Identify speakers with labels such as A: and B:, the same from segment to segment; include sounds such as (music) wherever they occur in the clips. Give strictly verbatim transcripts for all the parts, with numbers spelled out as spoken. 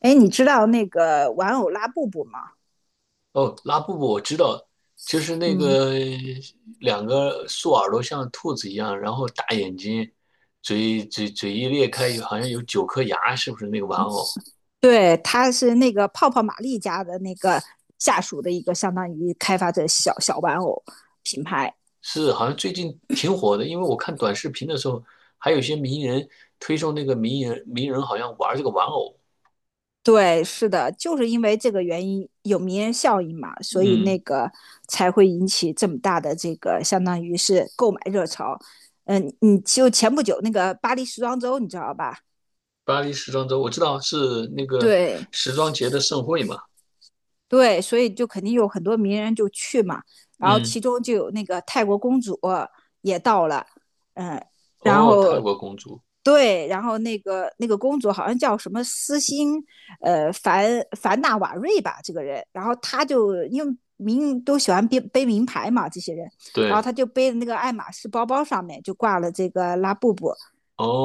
A: 哎，你知道那个玩偶拉布布吗？
B: 哦，拉布布我知道，就是那
A: 嗯，
B: 个两个竖耳朵像兔子一样，然后大眼睛，嘴嘴嘴一裂开，好像有九颗牙，是不是那个玩偶？
A: 对，他是那个泡泡玛丽家的那个下属的一个相当于开发者小小玩偶品牌。
B: 是，好像最近挺火的，因为我看短视频的时候，还有一些名人推送那个名人名人好像玩这个玩偶。
A: 对，是的，就是因为这个原因有名人效应嘛，所以那
B: 嗯。
A: 个才会引起这么大的这个相当于是购买热潮。嗯，你就前不久那个巴黎时装周，你知道吧？
B: 巴黎时装周我知道是那个
A: 对，
B: 时装节的盛会嘛。
A: 对，所以就肯定有很多名人就去嘛，然后
B: 嗯，
A: 其中就有那个泰国公主也到了，嗯，然
B: 哦，
A: 后
B: 泰国公主。
A: 对，然后那个那个公主好像叫什么斯欣，呃，凡凡纳瓦瑞吧，这个人，然后她就因为名都喜欢背背名牌嘛，这些人，然后
B: 对，
A: 她就背的那个爱马仕包包上面就挂了这个拉布布，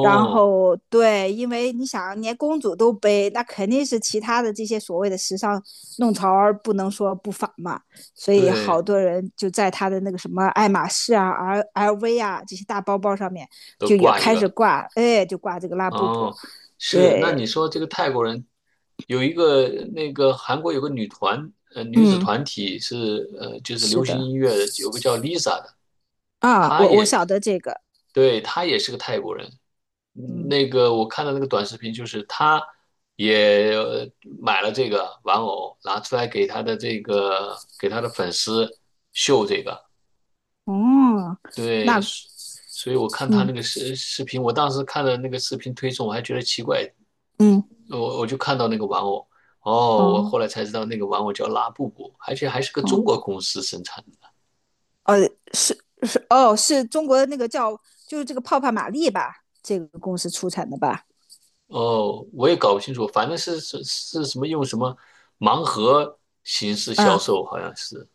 A: 然后对，因为你想，连公主都背，那肯定是其他的这些所谓的时尚弄潮儿不能说不反嘛。所以好
B: 对，
A: 多人就在他的那个什么爱马仕啊、L L V 啊这些大包包上面，
B: 都
A: 就也
B: 挂一
A: 开始
B: 个。
A: 挂，哎，就挂这个拉布布。
B: 哦，是，那
A: 对，
B: 你说这个泰国人有一个，那个韩国有个女团，呃，女子
A: 嗯，
B: 团体是呃，就是
A: 是
B: 流行
A: 的
B: 音乐的，有个叫 Lisa 的。
A: 啊，我我晓得这个，
B: 对，她也是个泰国人。嗯，
A: 嗯，
B: 那个我看到那个短视频，就是她也呃买了这个玩偶，拿出来给她的这个给她的粉丝秀这个。
A: 哦，
B: 对，
A: 那
B: 所所以我看她那
A: 嗯
B: 个视视频，我当时看了那个视频推送，我还觉得奇怪，
A: 嗯
B: 我我就看到那个玩偶。哦，我后
A: 哦
B: 来才知道那个玩偶叫拉布布，而且还是个中
A: 哦。
B: 国公司生产的。
A: 呃，是是哦，是中国那个叫就是这个泡泡玛丽吧，这个公司出产的吧？
B: 哦，我也搞不清楚，反正是是是什么用什么盲盒形式销
A: 嗯，
B: 售，好像是。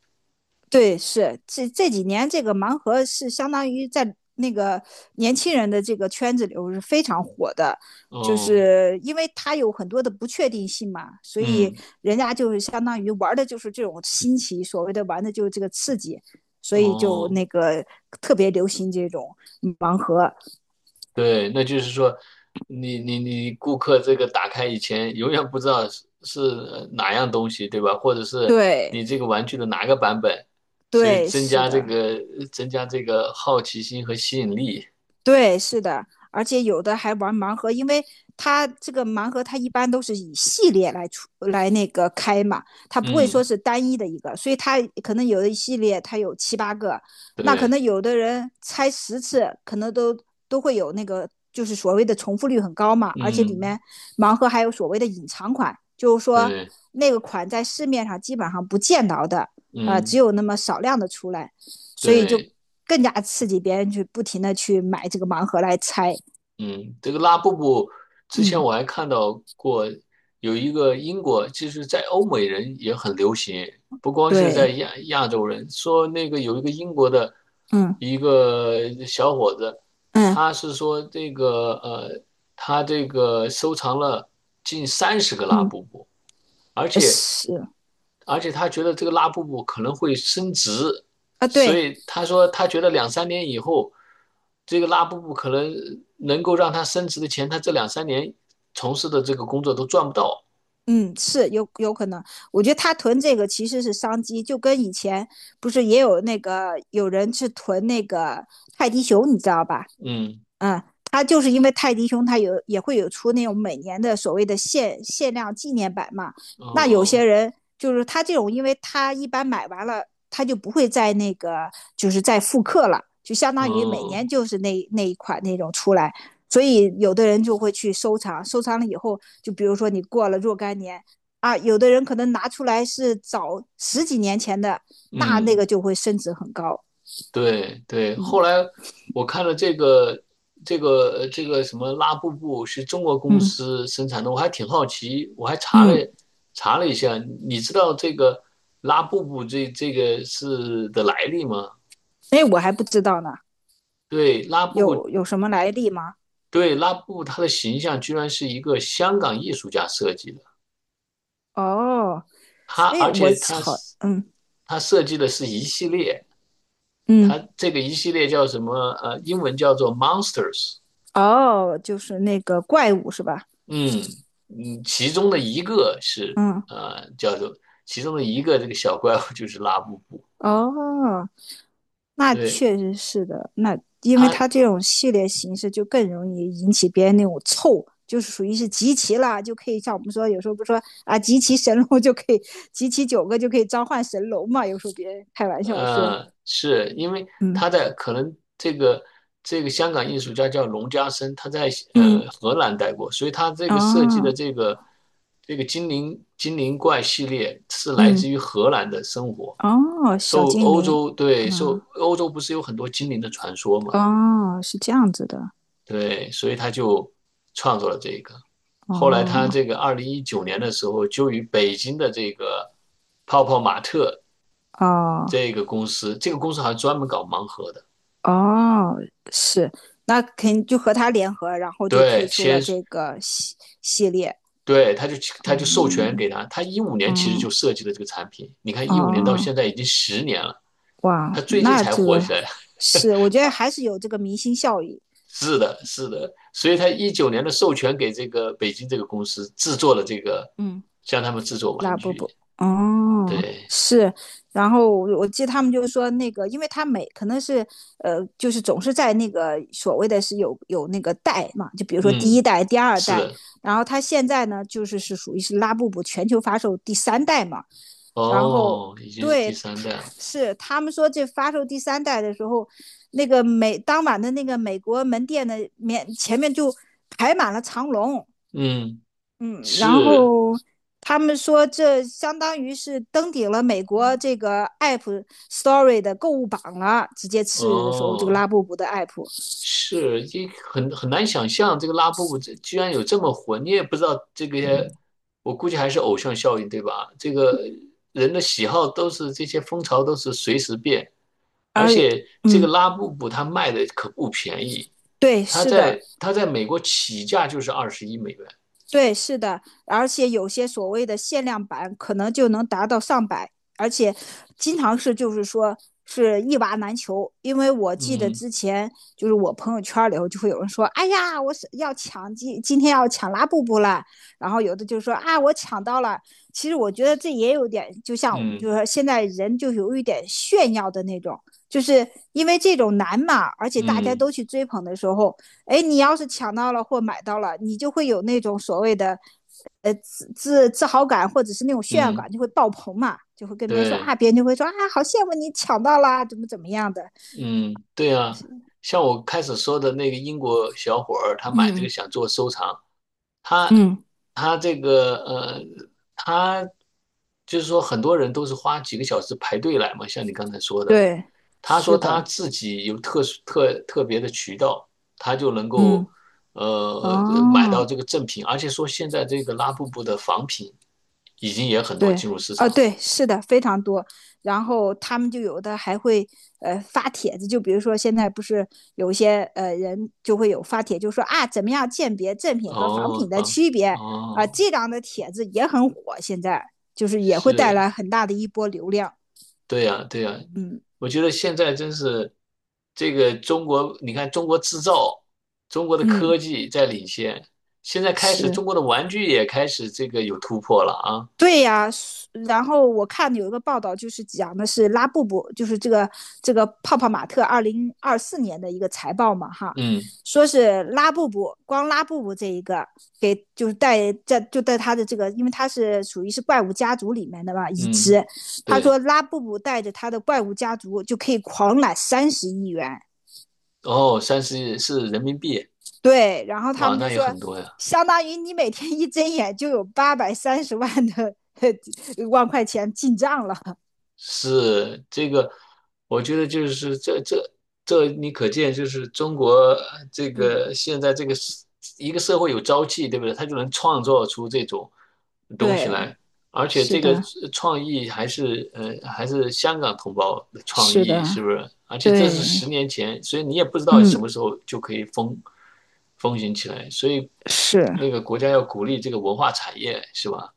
A: 对，是这这几年这个盲盒是相当于在那个年轻人的这个圈子里头是非常火的，就
B: 哦，
A: 是因为它有很多的不确定性嘛，所以
B: 嗯，
A: 人家就是相当于玩的就是这种新奇，所谓的玩的就是这个刺激，所以就
B: 哦，
A: 那个特别流行这种盲盒。
B: 对，那就是说，你你你顾客这个打开以前，永远不知道是是呃哪样东西，对吧？或者是
A: 对
B: 你这个玩具的哪个版本，所以
A: 对，
B: 增
A: 是
B: 加这
A: 的。
B: 个增加这个好奇心和吸引力。
A: 对，是的，而且有的还玩盲盒，因为它这个盲盒它一般都是以系列来出来那个开嘛，它不会说
B: 嗯，
A: 是单一的一个，所以它可能有的一系列它有七八个，那可
B: 对，
A: 能有的人拆十次，可能都都会有那个就是所谓的重复率很高嘛，而且里
B: 嗯，
A: 面盲盒还有所谓的隐藏款，就是说
B: 对，
A: 那个款在市面上基本上不见到的，呃，只
B: 嗯，
A: 有那么少量的出来。所以就
B: 对。
A: 更加刺激别人去不停的去买这个盲盒来猜。
B: 嗯，这个拉布布之前
A: 嗯，
B: 我还看到过，有一个英国，就是在欧美人也很流行，不光是在
A: 对，
B: 亚亚洲人。说那个有一个英国的
A: 嗯
B: 一个小伙子，
A: 嗯
B: 他是说这个呃，他这个收藏了近三十个拉
A: 嗯，
B: 布布，而
A: 呃
B: 且
A: 是
B: 而且他觉得这个拉布布可能会升值，
A: 啊，
B: 所
A: 对，
B: 以他说他觉得两三年以后，这个拉布布可能能够让他升值的钱，他这两三年从事的这个工作都赚不到。
A: 嗯是有有可能。我觉得他囤这个其实是商机，就跟以前不是也有那个有人去囤那个泰迪熊，你知道吧？
B: 嗯
A: 嗯，他就是因为泰迪熊，他有也会有出那种每年的所谓的限限量纪念版嘛。那有
B: 嗯
A: 些人就是他这种，因为他一般买完了，他就不会再那个，就是再复刻了，就相当于每
B: 嗯
A: 年就是那那一款那种出来。所以有的人就会去收藏，收藏了以后，就比如说你过了若干年啊，有的人可能拿出来是早十几年前的，那
B: 嗯。
A: 那个就会升值很高。
B: 对对，后来我看了这个这个呃这个什么拉布布是中国公
A: 嗯
B: 司生产的，我还挺好奇，我还查了
A: 嗯，
B: 查了一下。你知道这个拉布布这这个是的来历吗？
A: 哎，我还不知道呢。
B: 对，拉布布。
A: 有有什么来历吗？
B: 对，拉布布他的形象居然是一个香港艺术家设计的。
A: 哦，
B: 他
A: 哎，
B: 而
A: 我
B: 且他
A: 好，
B: 是
A: 嗯
B: 他设计的是一系列，他
A: 嗯，
B: 这个一系列叫什么？呃，英文叫做 Monsters。
A: 哦，就是那个怪物是吧？
B: 嗯嗯，其中的一个是
A: 嗯，
B: 呃叫做，其中的一个这个小怪物就是拉布布。
A: 哦，那
B: 对，
A: 确实是的，那因为
B: 他
A: 它这种系列形式就更容易引起别人那种凑。就是属于是集齐啦，就可以像我们说，有时候不说啊，集齐神龙就可以，集齐九个就可以召唤神龙嘛。有时候别人开玩笑说，
B: 呃是因为
A: 嗯
B: 他在可能这个这个香港艺术家叫龙家森，他在呃
A: 嗯，
B: 荷兰待过，所以他这个设计的
A: 哦，
B: 这个这个精灵精灵怪系列是来
A: 嗯
B: 自于荷兰的生活，
A: 哦，小
B: 受
A: 精
B: 欧
A: 灵，
B: 洲对受
A: 嗯。
B: 欧洲不是有很多精灵的传说吗？
A: 哦，是这样子的，
B: 对，所以他就创作了这个。后来他
A: 哦
B: 这个二零一九年的时候，就与北京的这个泡泡玛特
A: 哦
B: 这个公司，这个公司好像专门搞盲盒的。
A: 哦，是，那肯定就和他联合，然后就推
B: 对，
A: 出
B: 签，
A: 了这个系系列，
B: 对，他就他就授权
A: 嗯
B: 给他。他一五年其实
A: 嗯
B: 就设计了这个产品，你看一五年到现
A: 哦，
B: 在已经十年了，
A: 哇，
B: 他最近
A: 那
B: 才
A: 这
B: 火起
A: 个
B: 来。
A: 是，我觉得还是有这个明星效应，
B: (laughs) 是的，是的，所以他一九年的授权给这个北京这个公司制作了这个，
A: 嗯
B: 让他们制作玩
A: 拉布
B: 具。
A: 布，哦，
B: 对，
A: 是。然后我我记得他们就是说那个，因为他每可能是呃，就是总是在那个所谓的是有有那个代嘛，就比如说第
B: 嗯，
A: 一代、第二
B: 是
A: 代，
B: 的。
A: 然后他现在呢就是是属于是拉布布全球发售第三代嘛，然后
B: 哦，已经是第
A: 对，
B: 三
A: 他
B: 代了。
A: 是他们说这发售第三代的时候，那个美当晚的那个美国门店的面前面就排满了长龙。
B: 嗯，
A: 嗯，然
B: 是，
A: 后他们说这相当于是登顶了美国这个 App Store 的购物榜了，直接次日的时候，这个
B: 哦，
A: 拉布布的 App，
B: 是，这很很难想象，这个拉布布这居然有这么火。你也不知道这个，我估计还是偶像效应，对吧？这个人的喜好都是，这些风潮都是随时变，而
A: 而
B: 且这个
A: 嗯，
B: 拉布布它卖的可不便宜，
A: 对，
B: 它
A: 是的，
B: 在它在美国起价就是二十一美元。
A: 对，是的，而且有些所谓的限量版可能就能达到上百，而且经常是就是说是一娃难求。因为我记得
B: 嗯
A: 之前就是我朋友圈里头就会有人说：“哎呀，我是要抢今今天要抢拉布布了。”然后有的就说：“啊，我抢到了。”其实我觉得这也有点，就像我们就
B: 嗯
A: 说现在人就有一点炫耀的那种，就是因为这种难嘛，而且大家
B: 嗯
A: 都去追捧的时候，哎，你要是抢到了或买到了，你就会有那种所谓的呃自自自豪感，或者是那种炫耀
B: 嗯，
A: 感，就会爆棚嘛，就会跟别人说
B: 对。
A: 啊，别人就会说啊，好羡慕你抢到啦，怎么怎么样的。
B: 嗯，对啊，像我开始说的那个英国小伙儿，他买这个
A: 嗯
B: 想做收藏，他
A: 嗯，
B: 他这个呃，他就是说很多人都是花几个小时排队来嘛，像你刚才说的。
A: 对，
B: 他说
A: 是
B: 他
A: 的，
B: 自己有特殊特特别的渠道，他就能够
A: 嗯，
B: 呃买
A: 哦，
B: 到这个正品，而且说现在这个拉布布的仿品已经也很多
A: 对，
B: 进入市
A: 哦，
B: 场了。
A: 对，是的，非常多。然后他们就有的还会呃发帖子，就比如说现在不是有一些呃人就会有发帖，就说啊怎么样鉴别正品和仿
B: 哦，
A: 品的
B: 仿品，
A: 区别啊、
B: 哦，
A: 这样的帖子也很火，现在就是也会带
B: 是。
A: 来很大的一波流量。
B: 对呀，对呀，
A: 嗯
B: 我觉得现在真是，这个中国，你看中国制造，中国的
A: 嗯，
B: 科技在领先，现在开始
A: 是。
B: 中国的玩具也开始这个有突破了啊。
A: 对呀、啊然后我看有一个报道，就是讲的是拉布布，就是这个这个泡泡玛特二零二四年的一个财报嘛，哈，
B: 嗯
A: 说是拉布布，光拉布布这一个给就是带在就带他的这个，因为他是属于是怪物家族里面的嘛一
B: 嗯，
A: 只，他说
B: 对，
A: 拉布布带着他的怪物家族就可以狂揽三十亿元，
B: 哦，三十是人民币。
A: 对，然后他
B: 哇，
A: 们
B: 那
A: 就
B: 也
A: 说，
B: 很多呀。
A: 相当于你每天一睁眼就有八百三十万的 (laughs) 万块钱进账了。
B: 是这个，我觉得就是这这这，你可见就是中国这
A: 嗯，
B: 个现在这个社一个社会有朝气，对不对？他就能创造出这种东西
A: 对，
B: 来。而且
A: 是
B: 这个
A: 的，
B: 创意还是呃还是香港同胞的创
A: 是的，
B: 意，是不是？而且这是
A: 对，
B: 十年前，所以你也不知道什
A: 嗯，
B: 么时候就可以风风行起来。所以
A: 是，
B: 那个国家要鼓励这个文化产业，是吧？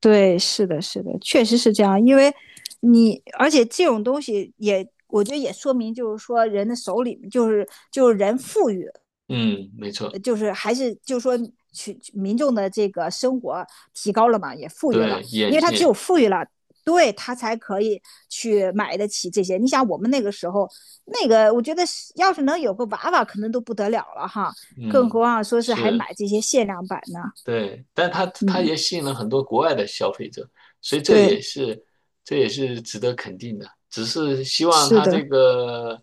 A: 对，是的，是的，确实是这样。因为你，而且这种东西也，我觉得也说明，就是说人的手里，就是就是人富裕，
B: 嗯，没
A: 呃
B: 错，
A: 就是还是就是说群民众的这个生活提高了嘛，也富裕了，
B: 对，
A: 因
B: 眼
A: 为他只有
B: 界。
A: 富裕了，对他才可以去买得起这些。你想我们那个时候，那个我觉得要是能有个娃娃，可能都不得了了哈，更何
B: 嗯，
A: 况说是还
B: 是，
A: 买这些限量版呢？
B: 对，但它它
A: 嗯，
B: 也吸引了很多国外的消费者，所以这也
A: 对，
B: 是这也是值得肯定的。只是希望
A: 是
B: 它这
A: 的，
B: 个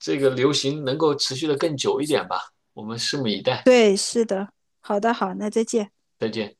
B: 这个流行能够持续的更久一点吧，我们拭目以待。
A: 对，是的。好的，好，那再见。
B: 再见。